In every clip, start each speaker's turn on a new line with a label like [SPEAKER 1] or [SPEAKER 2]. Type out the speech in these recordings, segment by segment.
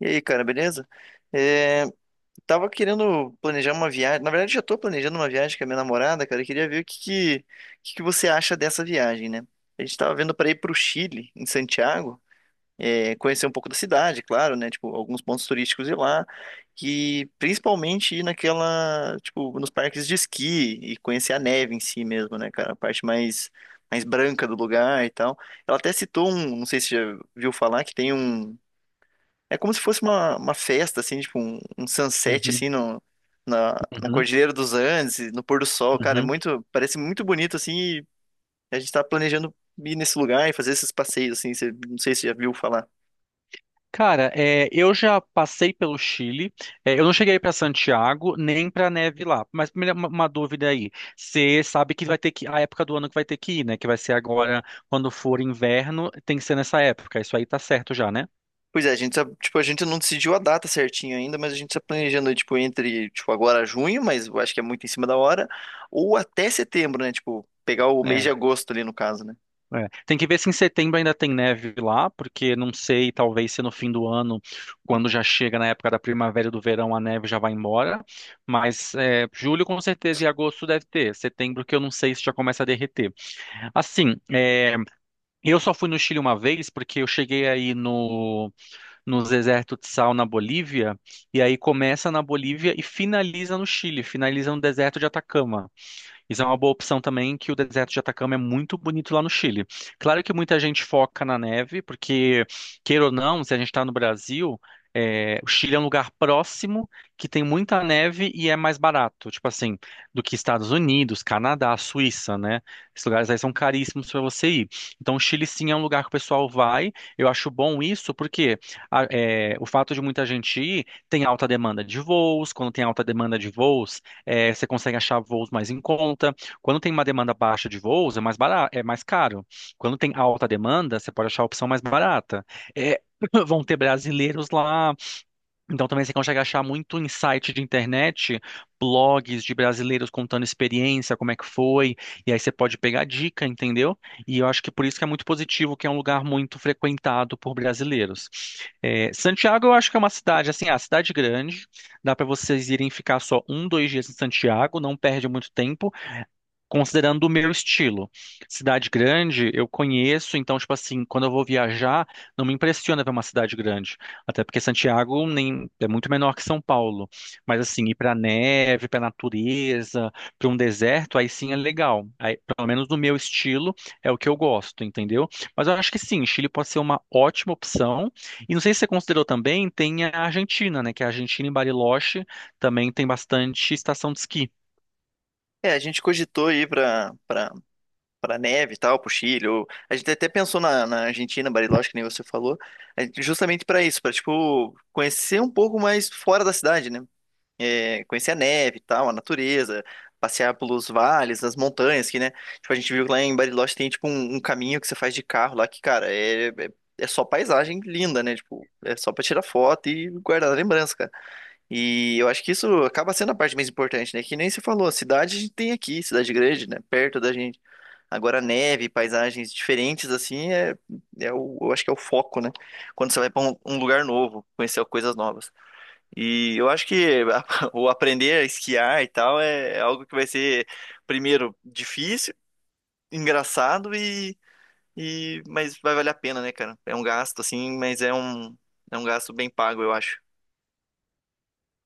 [SPEAKER 1] E aí, cara, beleza? É, Tava querendo planejar uma viagem. Na verdade, já tô planejando uma viagem com a minha namorada, cara. Eu queria ver o que que você acha dessa viagem, né? A gente tava vendo pra ir pro Chile, em Santiago, conhecer um pouco da cidade, claro, né? Tipo, alguns pontos turísticos ir lá. E principalmente ir naquela, tipo, nos parques de esqui e conhecer a neve em si mesmo, né, cara? A parte mais branca do lugar e tal. Ela até citou um, não sei se você já viu falar, que tem um. É como se fosse uma festa, assim, tipo um sunset,
[SPEAKER 2] Uhum,
[SPEAKER 1] assim, no, na, na
[SPEAKER 2] uhum,
[SPEAKER 1] Cordilheira dos Andes, e no pôr do sol, cara, é
[SPEAKER 2] uhum.
[SPEAKER 1] muito, parece muito bonito, assim, e a gente tá planejando ir nesse lugar e fazer esses passeios, assim, você, não sei se você já viu falar.
[SPEAKER 2] Cara, eu já passei pelo Chile. Eu não cheguei para Santiago nem para neve lá. Mas primeiro uma dúvida aí. Você sabe que vai ter que a época do ano que vai ter que ir, né? Que vai ser agora quando for inverno, tem que ser nessa época. Isso aí tá certo já, né?
[SPEAKER 1] Pois é, a gente tá, tipo, a gente não decidiu a data certinho ainda, mas a gente tá planejando, tipo, entre, tipo, agora junho, mas eu acho que é muito em cima da hora, ou até setembro, né, tipo, pegar o mês
[SPEAKER 2] É,
[SPEAKER 1] de agosto ali, no caso, né.
[SPEAKER 2] Tem que ver se em setembro ainda tem neve lá, porque não sei, talvez se no fim do ano, quando já chega na época da primavera e do verão, a neve já vai embora. Mas julho com certeza e agosto deve ter. Setembro que eu não sei se já começa a derreter. Assim, eu só fui no Chile uma vez, porque eu cheguei aí no, no deserto de sal na Bolívia, e aí começa na Bolívia e finaliza no Chile, finaliza no deserto de Atacama. Isso é uma boa opção também, que o deserto de Atacama é muito bonito lá no Chile. Claro que muita gente foca na neve, porque, queira ou não, se a gente está no Brasil, o Chile é um lugar próximo que tem muita neve e é mais barato, tipo assim, do que Estados Unidos, Canadá, Suíça, né? Esses lugares aí são caríssimos para você ir. Então, o Chile sim é um lugar que o pessoal vai. Eu acho bom isso, porque o fato de muita gente ir tem alta demanda de voos. Quando tem alta demanda de voos, você consegue achar voos mais em conta. Quando tem uma demanda baixa de voos, é mais barato, é mais caro. Quando tem alta demanda, você pode achar a opção mais barata. Eh, vão ter brasileiros lá, então também você consegue achar muito em site de internet, blogs de brasileiros contando experiência, como é que foi, e aí você pode pegar dica, entendeu? E eu acho que por isso que é muito positivo, que é um lugar muito frequentado por brasileiros. É, Santiago eu acho que é uma cidade, assim, é uma cidade grande, dá para vocês irem ficar só um, dois dias em Santiago, não perde muito tempo, considerando o meu estilo. Cidade grande, eu conheço, então, tipo assim, quando eu vou viajar, não me impressiona ver uma cidade grande. Até porque Santiago nem, é muito menor que São Paulo. Mas, assim, ir pra neve, pra natureza, pra um deserto, aí sim é legal. Aí, pelo menos no meu estilo, é o que eu gosto, entendeu? Mas eu acho que sim, Chile pode ser uma ótima opção. E não sei se você considerou também, tem a Argentina, né? Que a Argentina em Bariloche também tem bastante estação de esqui.
[SPEAKER 1] É, a gente cogitou ir para neve e tal, pro Chile. Ou... A gente até pensou na Argentina, Bariloche, que nem você falou, justamente para isso, para tipo conhecer um pouco mais fora da cidade, né? É, conhecer a neve e tal, a natureza, passear pelos vales, as montanhas, que né? Tipo a gente viu que lá em Bariloche tem tipo um, um caminho que você faz de carro lá que cara é só paisagem linda, né? Tipo, é só para tirar foto e guardar a lembrança, cara. E eu acho que isso acaba sendo a parte mais importante, né? Que nem você falou, a cidade a gente tem aqui, cidade grande, né? Perto da gente. Agora, neve, paisagens diferentes, assim, eu acho que é o foco, né? Quando você vai para um, um lugar novo, conhecer coisas novas. E eu acho que o aprender a esquiar e tal é algo que vai ser, primeiro, difícil, engraçado e. Mas vai valer a pena, né, cara? É um gasto, assim, mas é um gasto bem pago, eu acho.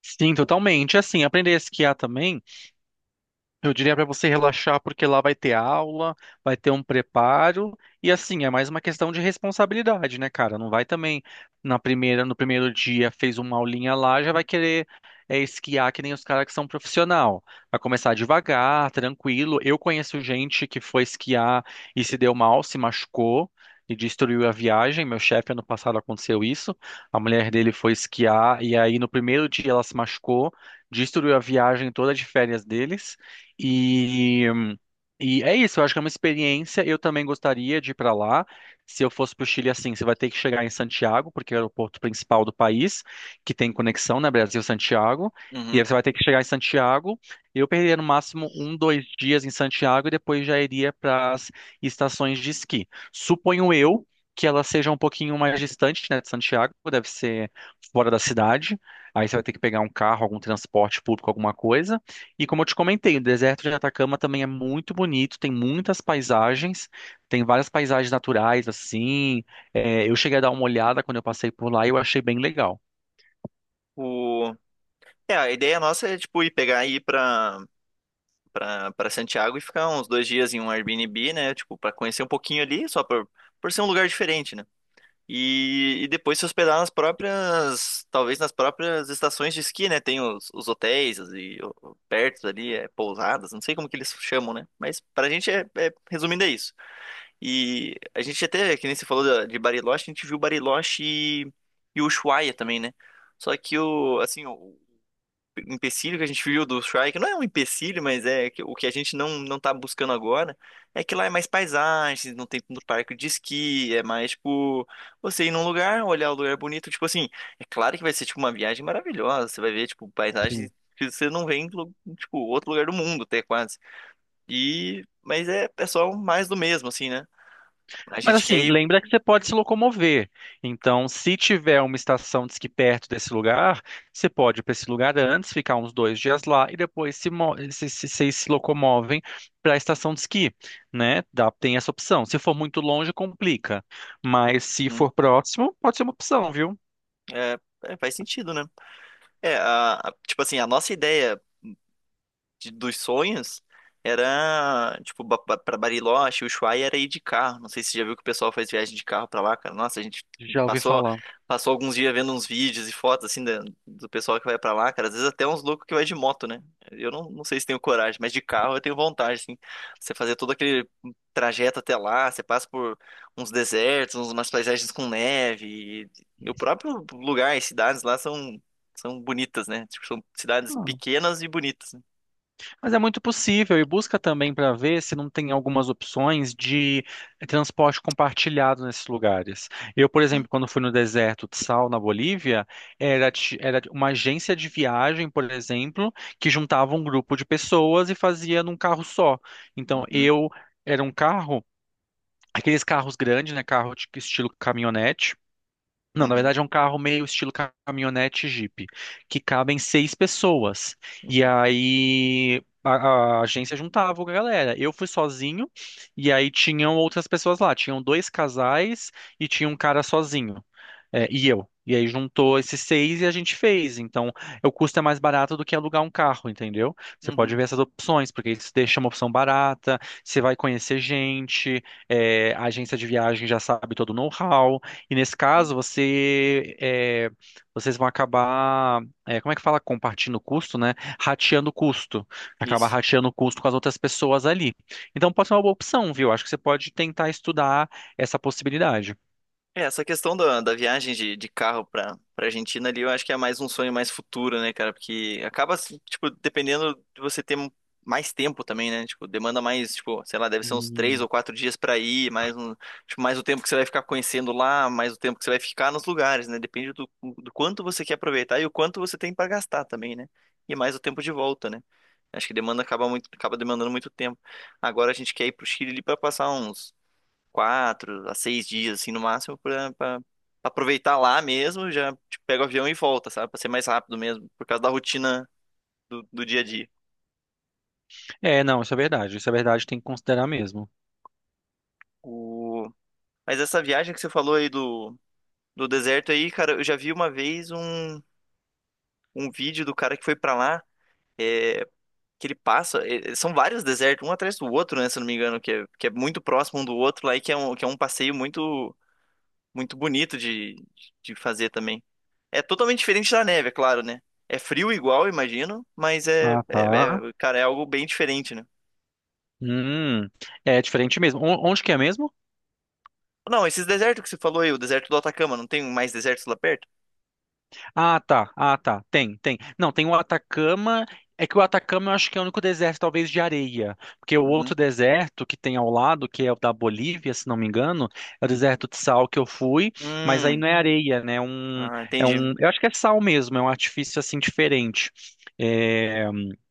[SPEAKER 2] Sim, totalmente. Assim, aprender a esquiar também. Eu diria para você relaxar, porque lá vai ter aula, vai ter um preparo, e assim, é mais uma questão de responsabilidade, né, cara? Não vai também na primeira, no primeiro dia fez uma aulinha lá, já vai querer esquiar que nem os caras que são profissional. Vai começar devagar, tranquilo. Eu conheço gente que foi esquiar e se deu mal, se machucou e destruiu a viagem. Meu chefe ano passado aconteceu isso. A mulher dele foi esquiar e aí no primeiro dia ela se machucou, destruiu a viagem toda de férias deles. E, e é isso, eu acho que é uma experiência. Eu também gostaria de ir para lá. Se eu fosse para o Chile, assim, você vai ter que chegar em Santiago, porque é o aeroporto principal do país, que tem conexão, né, Brasil-Santiago. E aí
[SPEAKER 1] Uhum.
[SPEAKER 2] você vai ter que chegar em Santiago. Eu perderia no máximo um, dois dias em Santiago e depois já iria para as estações de esqui. Suponho eu que elas sejam um pouquinho mais distantes, né, de Santiago, deve ser fora da cidade. Aí você vai ter que pegar um carro, algum transporte público, alguma coisa. E como eu te comentei, o deserto de Atacama também é muito bonito, tem muitas paisagens, tem várias paisagens naturais, assim. É, eu cheguei a dar uma olhada quando eu passei por lá e eu achei bem legal.
[SPEAKER 1] O... É, a ideia nossa é, tipo, ir pegar e ir pra. Pra Santiago e ficar uns dois dias em um Airbnb, né? Tipo, pra conhecer um pouquinho ali, só por ser um lugar diferente, né? E depois se hospedar nas próprias, talvez nas próprias estações de esqui, né? Tem os hotéis e perto ali, é, pousadas, não sei como que eles chamam, né? Mas pra gente, resumindo, é isso. E a gente até, que nem você falou de Bariloche, a gente viu Bariloche e Ushuaia também, né? Só que o, assim, o empecilho que a gente viu do Shrike, não é um empecilho, mas é o que a gente não tá buscando agora, é que lá é mais paisagens, não tem tanto parque de esqui, é mais tipo você ir num lugar, olhar o lugar bonito, tipo assim, é claro que vai ser tipo uma viagem maravilhosa, você vai ver tipo paisagens
[SPEAKER 2] Sim.
[SPEAKER 1] que você não vê em tipo outro lugar do mundo, até quase. E mas é, é só mais do mesmo assim, né? A
[SPEAKER 2] Mas
[SPEAKER 1] gente quer
[SPEAKER 2] assim,
[SPEAKER 1] ir.
[SPEAKER 2] lembra que você pode se locomover. Então, se tiver uma estação de esqui perto desse lugar, você pode ir para esse lugar antes, ficar uns dois dias lá e depois se, mo- se, vocês se locomovem para a estação de esqui, né? Dá, tem essa opção. Se for muito longe, complica. Mas se
[SPEAKER 1] Hum,
[SPEAKER 2] for próximo, pode ser uma opção, viu?
[SPEAKER 1] é, é, faz sentido, né? É, tipo assim, a nossa ideia dos sonhos era, tipo, pra Bariloche, Ushuaia era ir de carro. Não sei se você já viu que o pessoal faz viagem de carro pra lá, cara. Nossa, a gente
[SPEAKER 2] Já ouvi
[SPEAKER 1] passou,
[SPEAKER 2] falar.
[SPEAKER 1] passou alguns dias vendo uns vídeos e fotos, assim, do pessoal que vai pra lá, cara. Às vezes até uns loucos que vai de moto, né? Eu não sei se tenho coragem, mas de carro eu tenho vontade, assim. Você fazer todo aquele trajeto até lá, você passa por uns desertos, umas paisagens com neve. E o próprio lugar, as cidades lá são, são bonitas, né? Tipo, são cidades
[SPEAKER 2] Ah,
[SPEAKER 1] pequenas e bonitas,
[SPEAKER 2] mas é muito possível e busca também para ver se não tem algumas opções de transporte compartilhado nesses lugares. Eu, por
[SPEAKER 1] né?
[SPEAKER 2] exemplo, quando fui no deserto de Sal, na Bolívia, era uma agência de viagem, por exemplo, que juntava um grupo de pessoas e fazia num carro só. Então,
[SPEAKER 1] Uhum,
[SPEAKER 2] eu era um carro, aqueles carros grandes, né, carro de estilo caminhonete. Não, na
[SPEAKER 1] uhum,
[SPEAKER 2] verdade é um carro meio estilo caminhonete Jeep, que cabem seis pessoas. E
[SPEAKER 1] uhum,
[SPEAKER 2] aí a agência juntava a galera. Eu fui sozinho e aí tinham outras pessoas lá. Tinham dois casais e tinha um cara sozinho. É, e eu. E aí juntou esses seis e a gente fez. Então, o custo é mais barato do que alugar um carro, entendeu? Você pode
[SPEAKER 1] uhum,
[SPEAKER 2] ver essas opções, porque isso deixa uma opção barata, você vai conhecer gente, a agência de viagem já sabe todo o know-how. E nesse
[SPEAKER 1] uhum.
[SPEAKER 2] caso, vocês vão acabar, é, como é que fala? Compartindo o custo, né? Rateando o custo. Acabar
[SPEAKER 1] Isso.
[SPEAKER 2] rateando o custo com as outras pessoas ali. Então pode ser uma boa opção, viu? Acho que você pode tentar estudar essa possibilidade.
[SPEAKER 1] É, essa questão da viagem de carro pra Argentina ali, eu acho que é mais um sonho mais futuro, né, cara? Porque acaba, assim, tipo, dependendo de você ter mais tempo também, né? Tipo, demanda mais, tipo, sei lá, deve ser uns três ou
[SPEAKER 2] Hum.
[SPEAKER 1] quatro dias pra ir, mais um, tipo, mais o tempo que você vai ficar conhecendo lá, mais o tempo que você vai ficar nos lugares, né? Depende do quanto você quer aproveitar e o quanto você tem pra gastar também, né? E mais o tempo de volta, né? Acho que demanda acaba muito, acaba demandando muito tempo. Agora a gente quer ir pro Chile ali para passar uns quatro a seis dias, assim, no máximo, pra aproveitar lá mesmo, já tipo, pega o avião e volta, sabe? Pra ser mais rápido mesmo, por causa da rotina do dia a dia.
[SPEAKER 2] Não, isso é verdade. Isso é verdade, tem que considerar mesmo.
[SPEAKER 1] O... Mas essa viagem que você falou aí do deserto aí, cara, eu já vi uma vez um vídeo do cara que foi pra lá, é, que ele passa, são vários desertos, um atrás do outro, né, se eu não me engano, que é muito próximo um do outro lá e que é um passeio muito, muito bonito de fazer também. É totalmente diferente da neve, é claro, né? É frio igual, imagino, mas
[SPEAKER 2] Ah, tá.
[SPEAKER 1] cara, é algo bem diferente, né?
[SPEAKER 2] Hum, é diferente mesmo. O- Onde que é mesmo?
[SPEAKER 1] Não, esses desertos que você falou aí, o deserto do Atacama, não tem mais desertos lá perto?
[SPEAKER 2] Ah, tá. Ah, tá. Tem, tem. Não, tem o Atacama. É que o Atacama eu acho que é o único deserto, talvez, de areia. Porque o
[SPEAKER 1] Uhum.
[SPEAKER 2] outro deserto que tem ao lado, que é o da Bolívia, se não me engano, é o deserto de sal que eu fui, mas aí
[SPEAKER 1] Hum,
[SPEAKER 2] não é areia, né?
[SPEAKER 1] ah, entendi.
[SPEAKER 2] Eu acho que é sal mesmo, é um artifício assim diferente. É,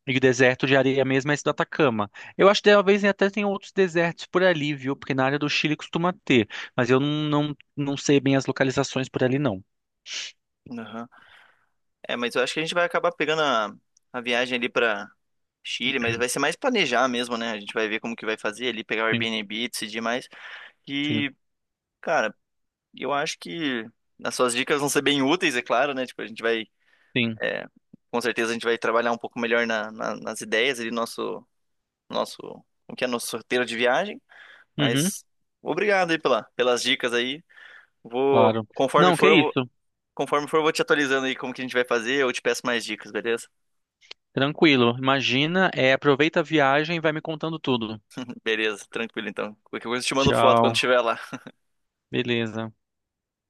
[SPEAKER 2] e o deserto de areia mesmo é esse do Atacama. Eu acho que talvez até tem outros desertos por ali, viu? Porque na área do Chile costuma ter. Mas eu não sei bem as localizações por ali, não.
[SPEAKER 1] Uhum. É, mas eu acho que a gente vai acabar pegando a viagem ali pra Chile, mas vai ser mais planejar mesmo, né? A gente vai ver como que vai fazer ali, pegar o
[SPEAKER 2] Sim,
[SPEAKER 1] Airbnb, decidir mais.
[SPEAKER 2] sim,
[SPEAKER 1] E, cara, eu acho que as suas dicas vão ser bem úteis, é claro, né? Tipo, a gente vai.
[SPEAKER 2] sim.
[SPEAKER 1] É, com certeza a gente vai trabalhar um pouco melhor nas ideias ali, nosso, o que é nosso roteiro de viagem,
[SPEAKER 2] Uhum,
[SPEAKER 1] mas obrigado aí pela, pelas dicas aí.
[SPEAKER 2] claro.
[SPEAKER 1] Conforme
[SPEAKER 2] Não,
[SPEAKER 1] for,
[SPEAKER 2] que isso.
[SPEAKER 1] conforme for, eu vou te atualizando aí como que a gente vai fazer, eu te peço mais dicas, beleza?
[SPEAKER 2] Tranquilo. Imagina, é, aproveita a viagem e vai me contando tudo.
[SPEAKER 1] Beleza, tranquilo então. Qualquer coisa eu te mando foto quando
[SPEAKER 2] Tchau.
[SPEAKER 1] estiver lá.
[SPEAKER 2] Beleza.